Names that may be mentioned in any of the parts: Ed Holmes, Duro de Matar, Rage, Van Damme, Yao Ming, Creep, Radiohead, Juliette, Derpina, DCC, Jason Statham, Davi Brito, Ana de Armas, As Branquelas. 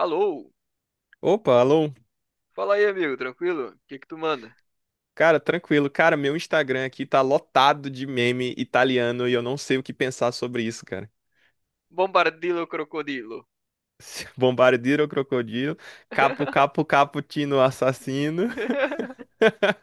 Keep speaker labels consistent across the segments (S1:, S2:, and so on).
S1: Alô?
S2: Opa, alô.
S1: Fala aí, amigo, tranquilo? O que que tu manda?
S2: Cara, tranquilo. Cara, meu Instagram aqui tá lotado de meme italiano e eu não sei o que pensar sobre isso, cara.
S1: Bombardilo crocodilo.
S2: Bombardiro crocodilo, capo, capo, cappuccino assassino.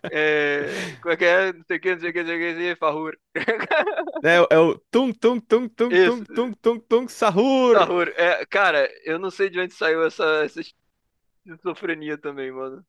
S1: É, como é que é? Não sei o que, não sei o que, não sei o que, não sei o que, farrur.
S2: É, é o tum, tum, tum, tum, tum,
S1: Isso,
S2: tum, tum, tum, sahur.
S1: farrur. É, cara, eu não sei de onde saiu essa esquizofrenia também, mano.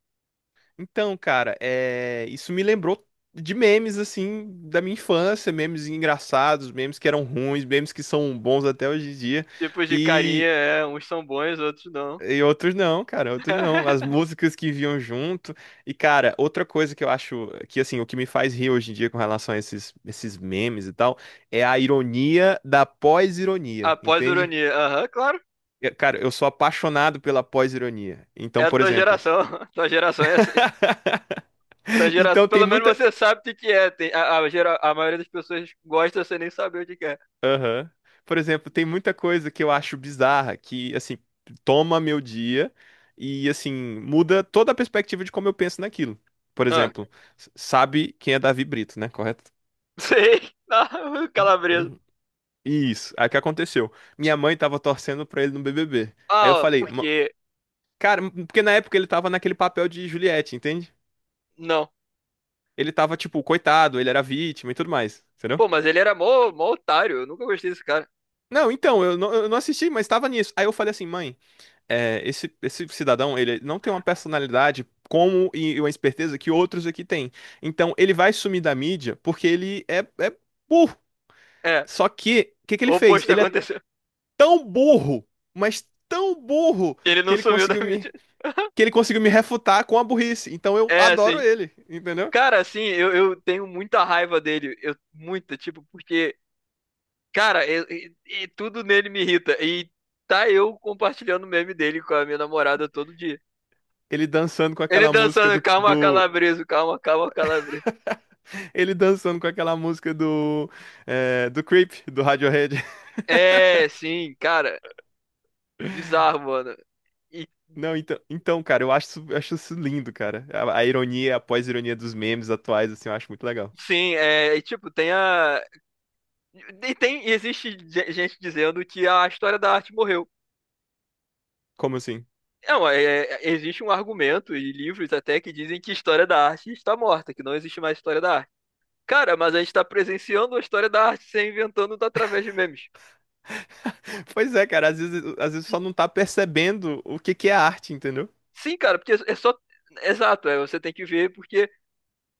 S2: Então, cara, isso me lembrou de memes, assim, da minha infância, memes engraçados, memes que eram ruins, memes que são bons até hoje em dia.
S1: Tipos de carinha, é, uns são bons, outros não.
S2: E outros não, cara, outros não. As músicas que vinham junto. E, cara, outra coisa que eu acho que, assim, o que me faz rir hoje em dia com relação a esses memes e tal, é a ironia da pós-ironia,
S1: Após
S2: entende?
S1: ironia. Aham, claro.
S2: E, cara, eu sou apaixonado pela pós-ironia.
S1: É
S2: Então,
S1: a
S2: por
S1: tua
S2: exemplo.
S1: geração. Tua geração é assim. Tua geração,
S2: Então, tem
S1: pelo menos
S2: muita.
S1: você sabe o que que é. Tem, a maioria das pessoas gosta sem nem saber o que que é.
S2: Aham. Por exemplo, tem muita coisa que eu acho bizarra, que, assim, toma meu dia e, assim, muda toda a perspectiva de como eu penso naquilo. Por
S1: Ah,
S2: exemplo, sabe quem é Davi Brito, né? Correto?
S1: sei. Não, calabresa.
S2: Uhum. Isso. Aí o que aconteceu? Minha mãe tava torcendo pra ele no BBB. Aí eu
S1: Ah,
S2: falei,
S1: porque.
S2: cara, porque na época ele tava naquele papel de Juliette, entende?
S1: Não.
S2: Ele tava, tipo, coitado, ele era vítima e tudo mais, entendeu?
S1: Pô, mas ele era mó, mó otário. Eu nunca gostei desse cara.
S2: Não, então, eu não assisti, mas tava nisso. Aí eu falei assim, mãe. É, esse cidadão, ele não tem uma personalidade como e uma esperteza que outros aqui têm. Então, ele vai sumir da mídia porque ele é burro.
S1: É,
S2: Só que, o que que ele
S1: o
S2: fez?
S1: oposto
S2: Ele é
S1: aconteceu.
S2: tão burro, mas tão burro,
S1: Ele
S2: que
S1: não sumiu da mídia.
S2: que ele conseguiu me refutar com a burrice. Então, eu
S1: É,
S2: adoro
S1: assim.
S2: ele, entendeu?
S1: Cara, assim, eu tenho muita raiva dele. Eu, muita, tipo, porque. Cara, e tudo nele me irrita. E tá eu compartilhando o meme dele com a minha namorada todo dia.
S2: Ele dançando com
S1: Ele
S2: aquela música
S1: dançando, calma, calabreso, calma, calma, calabreso.
S2: ele dançando com aquela música do, é, do Creep, do Radiohead.
S1: É, sim, cara. Bizarro, mano. E
S2: Não, então, então, cara, eu acho isso lindo, cara. A ironia, a pós-ironia dos memes atuais, assim, eu acho muito legal.
S1: Sim, é, e, tipo, tem a. E tem, e existe gente dizendo que a história da arte morreu.
S2: Como assim?
S1: Não, existe um argumento e livros até que dizem que história da arte está morta, que não existe mais história da arte. Cara, mas a gente está presenciando a história da arte se inventando através de memes.
S2: Pois é, cara, às vezes só não tá percebendo o que que é arte, entendeu?
S1: Sim, cara, porque é só. Exato, é, você tem que ver porque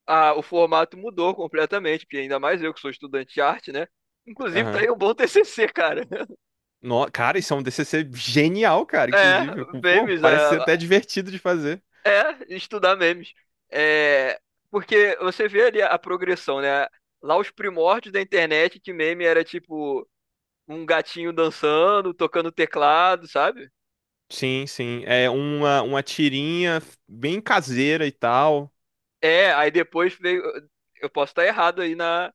S1: o formato mudou completamente, porque ainda mais eu que sou estudante de arte, né? Inclusive, tá
S2: Aham.
S1: aí um bom TCC, cara.
S2: Cara, isso é um DCC genial, cara,
S1: É,
S2: inclusive. Pô,
S1: memes,
S2: parece ser até divertido de fazer.
S1: Estudar memes. É, porque você vê ali a progressão, né? Lá os primórdios da internet, que meme era tipo um gatinho dançando, tocando teclado, sabe?
S2: Sim, sim. É uma tirinha bem caseira e tal.
S1: É, aí depois veio. Eu posso estar errado aí na.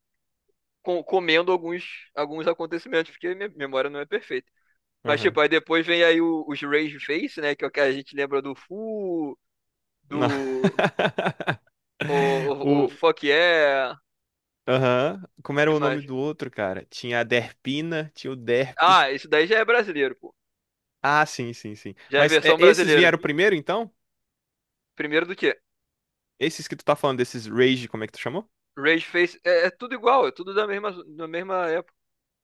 S1: Comendo alguns acontecimentos, porque minha memória não é perfeita. Mas,
S2: Aham.
S1: tipo, aí depois vem aí os Rage Face, né? Que é o que a gente lembra do Fu,
S2: Não.
S1: do. O
S2: O,
S1: Fuck Yeah.
S2: aham. Como era
S1: Que
S2: o nome
S1: mais?
S2: do outro, cara? Tinha a Derpina, tinha o Derp.
S1: Ah, isso daí já é brasileiro, pô.
S2: Ah, sim, sim, sim.
S1: Já é a
S2: Mas é,
S1: versão
S2: esses
S1: brasileira.
S2: vieram primeiro, então?
S1: Primeiro do que?
S2: Esses que tu tá falando, desses Rage, como é que tu chamou?
S1: Rage Face é tudo igual, é tudo da mesma época.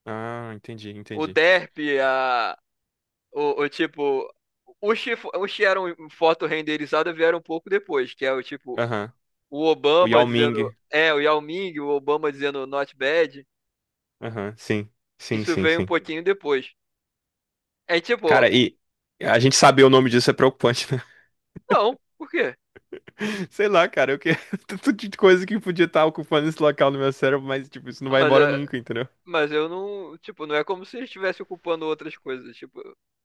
S2: Ah, entendi,
S1: O
S2: entendi.
S1: Derp, a, o tipo. Os que eram foto renderizada vieram um pouco depois, que é o tipo.
S2: Aham.
S1: O
S2: O
S1: Obama
S2: Yao
S1: dizendo.
S2: Ming.
S1: É, o Yao Ming, o Obama dizendo not bad.
S2: Aham, sim. Sim,
S1: Isso
S2: sim,
S1: veio um
S2: sim.
S1: pouquinho depois. É tipo,
S2: Cara, e a gente saber o nome disso é preocupante, né?
S1: não, por quê?
S2: Sei lá, cara, Tanto de coisa que podia estar ocupando esse local no meu cérebro, mas, tipo, isso não vai
S1: Mas,
S2: embora
S1: é,
S2: nunca, entendeu?
S1: mas eu não. Tipo, não é como se estivesse ocupando outras coisas. Tipo,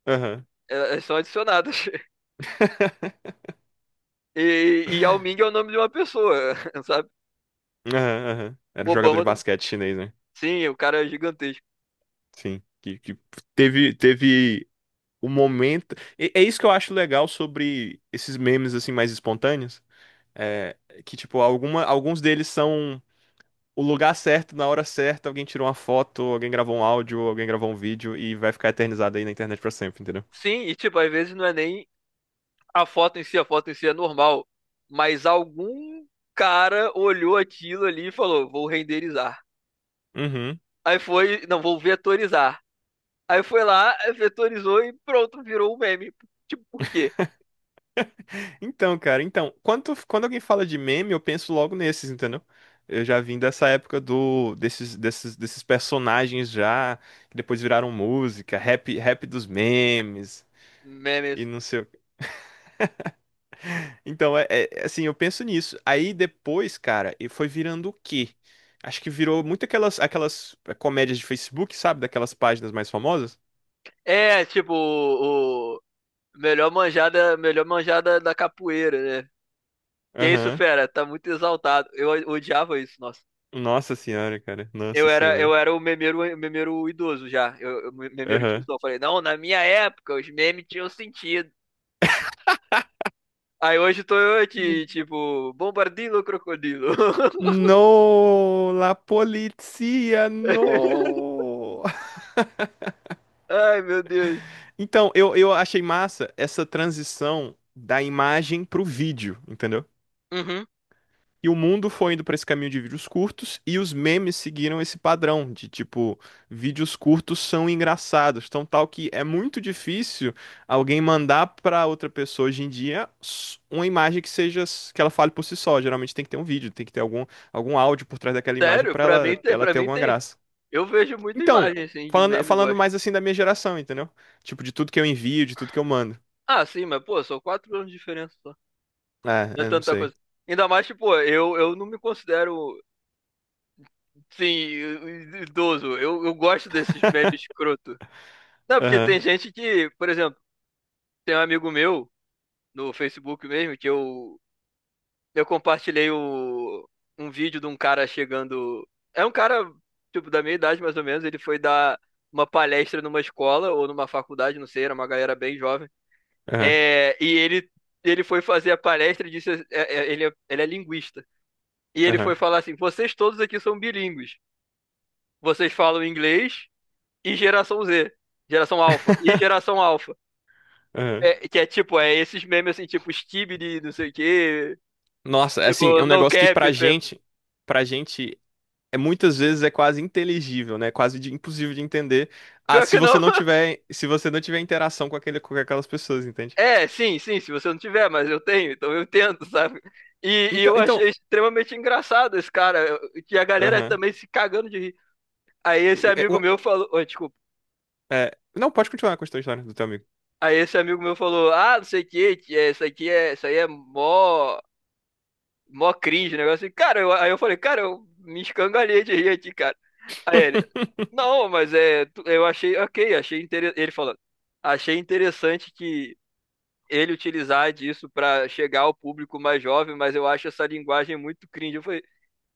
S2: Aham.
S1: elas são adicionadas. E Yao Ming é o nome de uma pessoa, sabe?
S2: Aham, aham. Era o
S1: O
S2: jogador de
S1: Obama também.
S2: basquete chinês, né?
S1: Sim, o cara é gigantesco.
S2: Sim, que teve É isso que eu acho legal sobre esses memes assim mais espontâneos, é que tipo alguma alguns deles são o lugar certo na hora certa, alguém tirou uma foto, alguém gravou um áudio, alguém gravou um vídeo e vai ficar eternizado aí na internet pra sempre, entendeu?
S1: Sim, e tipo, às vezes não é nem a foto em si, a foto em si é normal. Mas algum cara olhou aquilo ali e falou: vou renderizar.
S2: Uhum.
S1: Aí foi, não, vou vetorizar. Aí foi lá, vetorizou e pronto, virou um meme. Tipo, por quê?
S2: Então, cara, então, quando alguém fala de meme, eu penso logo nesses, entendeu? Eu já vim dessa época do desses desses desses personagens já que depois viraram música, rap, rap dos memes. E
S1: Memes.
S2: não sei. O Então, é assim, eu penso nisso. Aí depois, cara, e foi virando o quê? Acho que virou muito aquelas comédias de Facebook, sabe? Daquelas páginas mais famosas.
S1: É, tipo, melhor manjada da capoeira, né? Que isso,
S2: Aham.
S1: fera, tá muito exaltado. Eu odiava isso, nossa.
S2: Nossa senhora, cara.
S1: Eu
S2: Nossa
S1: era, eu
S2: senhora.
S1: era o memeiro idoso já. Eu memeiro
S2: Aham.
S1: tiozão. Falei, não, na minha época os memes tinham sentido. Aí hoje tô eu aqui, tipo, bombardilo ou crocodilo?
S2: No, la polizia, no.
S1: Ai, meu Deus.
S2: Então, eu achei massa essa transição da imagem pro vídeo, entendeu?
S1: Uhum.
S2: E o mundo foi indo para esse caminho de vídeos curtos e os memes seguiram esse padrão de tipo, vídeos curtos são engraçados, tão tal que é muito difícil alguém mandar para outra pessoa hoje em dia uma imagem que seja que ela fale por si só. Geralmente tem que ter um vídeo, tem que ter algum áudio por trás daquela imagem
S1: Sério,
S2: para ela ela
S1: pra
S2: ter
S1: mim
S2: alguma
S1: tem.
S2: graça.
S1: Eu vejo muita
S2: Então,
S1: imagem, assim, de
S2: falando
S1: meme,
S2: falando
S1: gosto.
S2: mais assim da minha geração, entendeu? Tipo, de tudo que eu envio, de tudo que eu mando.
S1: Ah, sim, mas, pô, são 4 anos de diferença só.
S2: Ah,
S1: Não é
S2: eu não
S1: tanta
S2: sei.
S1: coisa. Ainda mais, que, pô, eu não me considero, sim, idoso. Eu gosto desses memes escroto. Não, porque
S2: Aham,
S1: tem gente que, por exemplo, tem um amigo meu no Facebook mesmo que eu compartilhei um vídeo de um cara chegando. É um cara tipo da minha idade mais ou menos. Ele foi dar uma palestra numa escola ou numa faculdade, não sei. Era uma galera bem jovem.
S2: aham,
S1: É, e ele foi fazer a palestra e disse ele é linguista e ele foi
S2: aham,
S1: falar assim: vocês todos aqui são bilíngues. Vocês falam inglês e geração Z, geração alfa.
S2: aham.
S1: É, que é tipo, é esses memes assim, tipo Steve de não sei o quê.
S2: Nossa, é assim, é
S1: Tipo,
S2: um
S1: no
S2: negócio que
S1: cap, fam.
S2: pra gente é muitas vezes é quase inteligível, né? Quase impossível de entender. Ah,
S1: Pior que não.
S2: se você não tiver interação com com aquelas pessoas, entende?
S1: É, sim, sim, se você não tiver, mas eu tenho, então eu tento, sabe? E
S2: Então,
S1: eu achei
S2: então,
S1: extremamente engraçado esse cara. E a galera
S2: aham.
S1: também se cagando de rir. Aí esse
S2: E- é,
S1: amigo
S2: um-
S1: meu falou. Oi, desculpa.
S2: não, pode continuar com a tua história do teu amigo.
S1: Aí esse amigo meu falou, ah, não sei o que, é, isso aqui é. Isso aí é mó. Mó cringe, um negócio assim. Cara, aí eu falei, cara, eu me escangalhei de rir aqui, cara. Aí ele, não, mas é. Eu achei, ok, achei interessante. Ele falando, achei interessante que ele utilizar disso para chegar ao público mais jovem, mas eu acho essa linguagem muito cringe. Eu falei,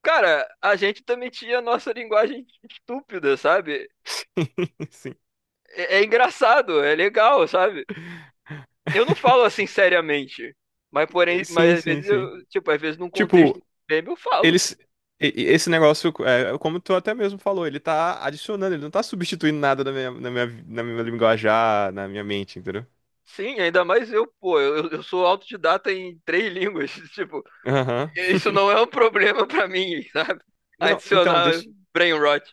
S1: cara, a gente também tinha a nossa linguagem estúpida, sabe?
S2: Sim,
S1: É, é engraçado, é legal, sabe? Eu não falo assim seriamente, mas porém, mas
S2: sim,
S1: às
S2: sim,
S1: vezes
S2: sim.
S1: eu, tipo, às vezes num contexto
S2: Tipo,
S1: meme eu falo.
S2: eles e esse negócio, é, como tu até mesmo falou, ele tá adicionando, ele não tá substituindo nada na na minha linguajar, na minha mente, entendeu?
S1: Sim, ainda mais eu, pô, eu sou autodidata em 3 línguas, tipo,
S2: Aham.
S1: isso não é um problema para mim, sabe?
S2: Não, então,
S1: Adicionar
S2: deixa,
S1: brain rot.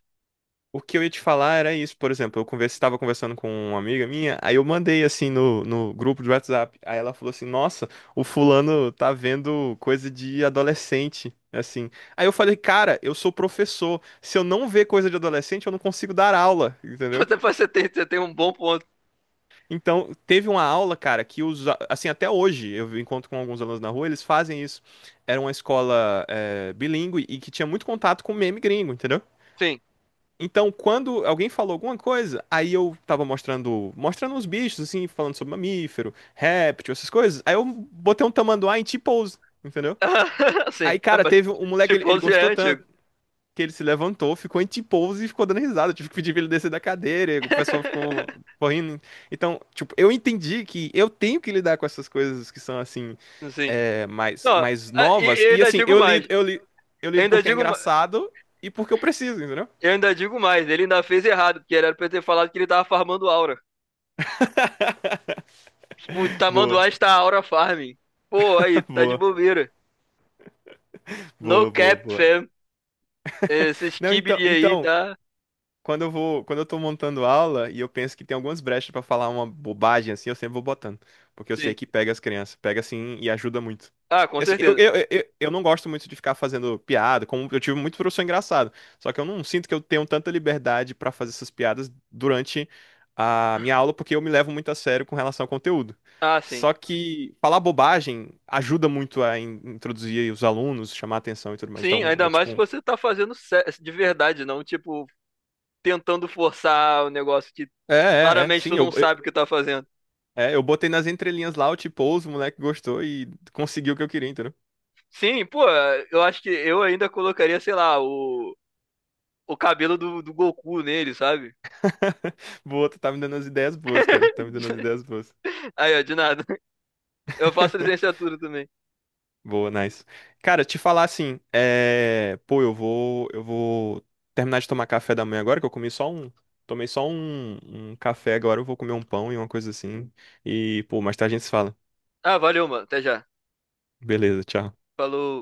S2: o que eu ia te falar era isso, por exemplo, estava conversando com uma amiga minha, aí eu mandei assim no grupo de WhatsApp, aí ela falou assim, nossa, o fulano tá vendo coisa de adolescente, assim. Aí eu falei, cara, eu sou professor, se eu não ver coisa de adolescente, eu não consigo dar aula, entendeu?
S1: Até pra você ter, você tem um bom ponto.
S2: Então, teve uma aula, cara, assim, até hoje, eu encontro com alguns alunos na rua, eles fazem isso. Era uma escola bilíngue e que tinha muito contato com meme gringo, entendeu?
S1: Sim.
S2: Então, quando alguém falou alguma coisa, aí eu tava mostrando uns bichos, assim, falando sobre mamífero, réptil, essas coisas. Aí eu botei um tamanduá em T-pose, entendeu?
S1: Sim,
S2: Aí, cara,
S1: mas
S2: teve um moleque, ele
S1: Chimpanzé é
S2: gostou tanto
S1: antigo.
S2: que ele se levantou, ficou em T-pose e ficou dando risada. Eu tive que pedir pra ele descer da cadeira, e o pessoal ficou correndo. Então, tipo, eu entendi que eu tenho que lidar com essas coisas que são, assim,
S1: Sim.
S2: é, mais,
S1: Não,
S2: mais
S1: ah, e
S2: novas.
S1: e eu
S2: E,
S1: ainda
S2: assim,
S1: digo mais.
S2: eu
S1: Eu
S2: lido
S1: ainda
S2: porque é
S1: digo, ma-
S2: engraçado e porque eu preciso, entendeu?
S1: eu ainda digo mais. Ele ainda fez errado, porque era pra eu ter falado que ele tava farmando aura. O
S2: Boa,
S1: Tamanduá está aura farming. Pô, aí, tá de
S2: boa.
S1: bobeira. No
S2: Boa, boa,
S1: cap,
S2: boa.
S1: fam. Esses
S2: Não, então,
S1: kibiri aí,
S2: então,
S1: tá?
S2: quando eu tô montando aula e eu penso que tem algumas brechas pra falar uma bobagem assim, eu sempre vou botando, porque eu sei
S1: Sim.
S2: que pega as crianças, pega assim e ajuda muito.
S1: Ah, com
S2: E, assim, eu,
S1: certeza.
S2: eu, eu, eu não gosto muito de ficar fazendo piada, como eu tive muito professor engraçado, só que eu não sinto que eu tenho tanta liberdade pra fazer essas piadas durante a minha aula, porque eu me levo muito a sério com relação ao conteúdo.
S1: Ah, sim.
S2: Só que falar bobagem ajuda muito a introduzir os alunos, chamar atenção e tudo mais.
S1: Sim,
S2: Então, é
S1: ainda mais
S2: tipo
S1: se
S2: um
S1: você tá fazendo de verdade, não, tipo, tentando forçar o negócio que
S2: é, é, é.
S1: claramente tu
S2: Sim,
S1: não sabe o que tá fazendo.
S2: eu botei nas entrelinhas lá, o tipou, os moleque gostou e conseguiu o que eu queria, entendeu?
S1: Sim, pô, eu acho que eu ainda colocaria, sei lá, o cabelo do Goku nele, sabe?
S2: Boa, tu tá me dando as ideias boas, cara. Tá me dando as ideias boas.
S1: Aí, ó, de nada. Eu faço licenciatura também.
S2: Boa, nice. Cara, te falar assim, pô, eu vou terminar de tomar café da manhã agora, que eu comi só um, tomei só um, um café agora, eu vou comer um pão e uma coisa assim. E, pô, mais tarde a gente se fala.
S1: Ah, valeu, mano. Até já.
S2: Beleza, tchau.
S1: Falou.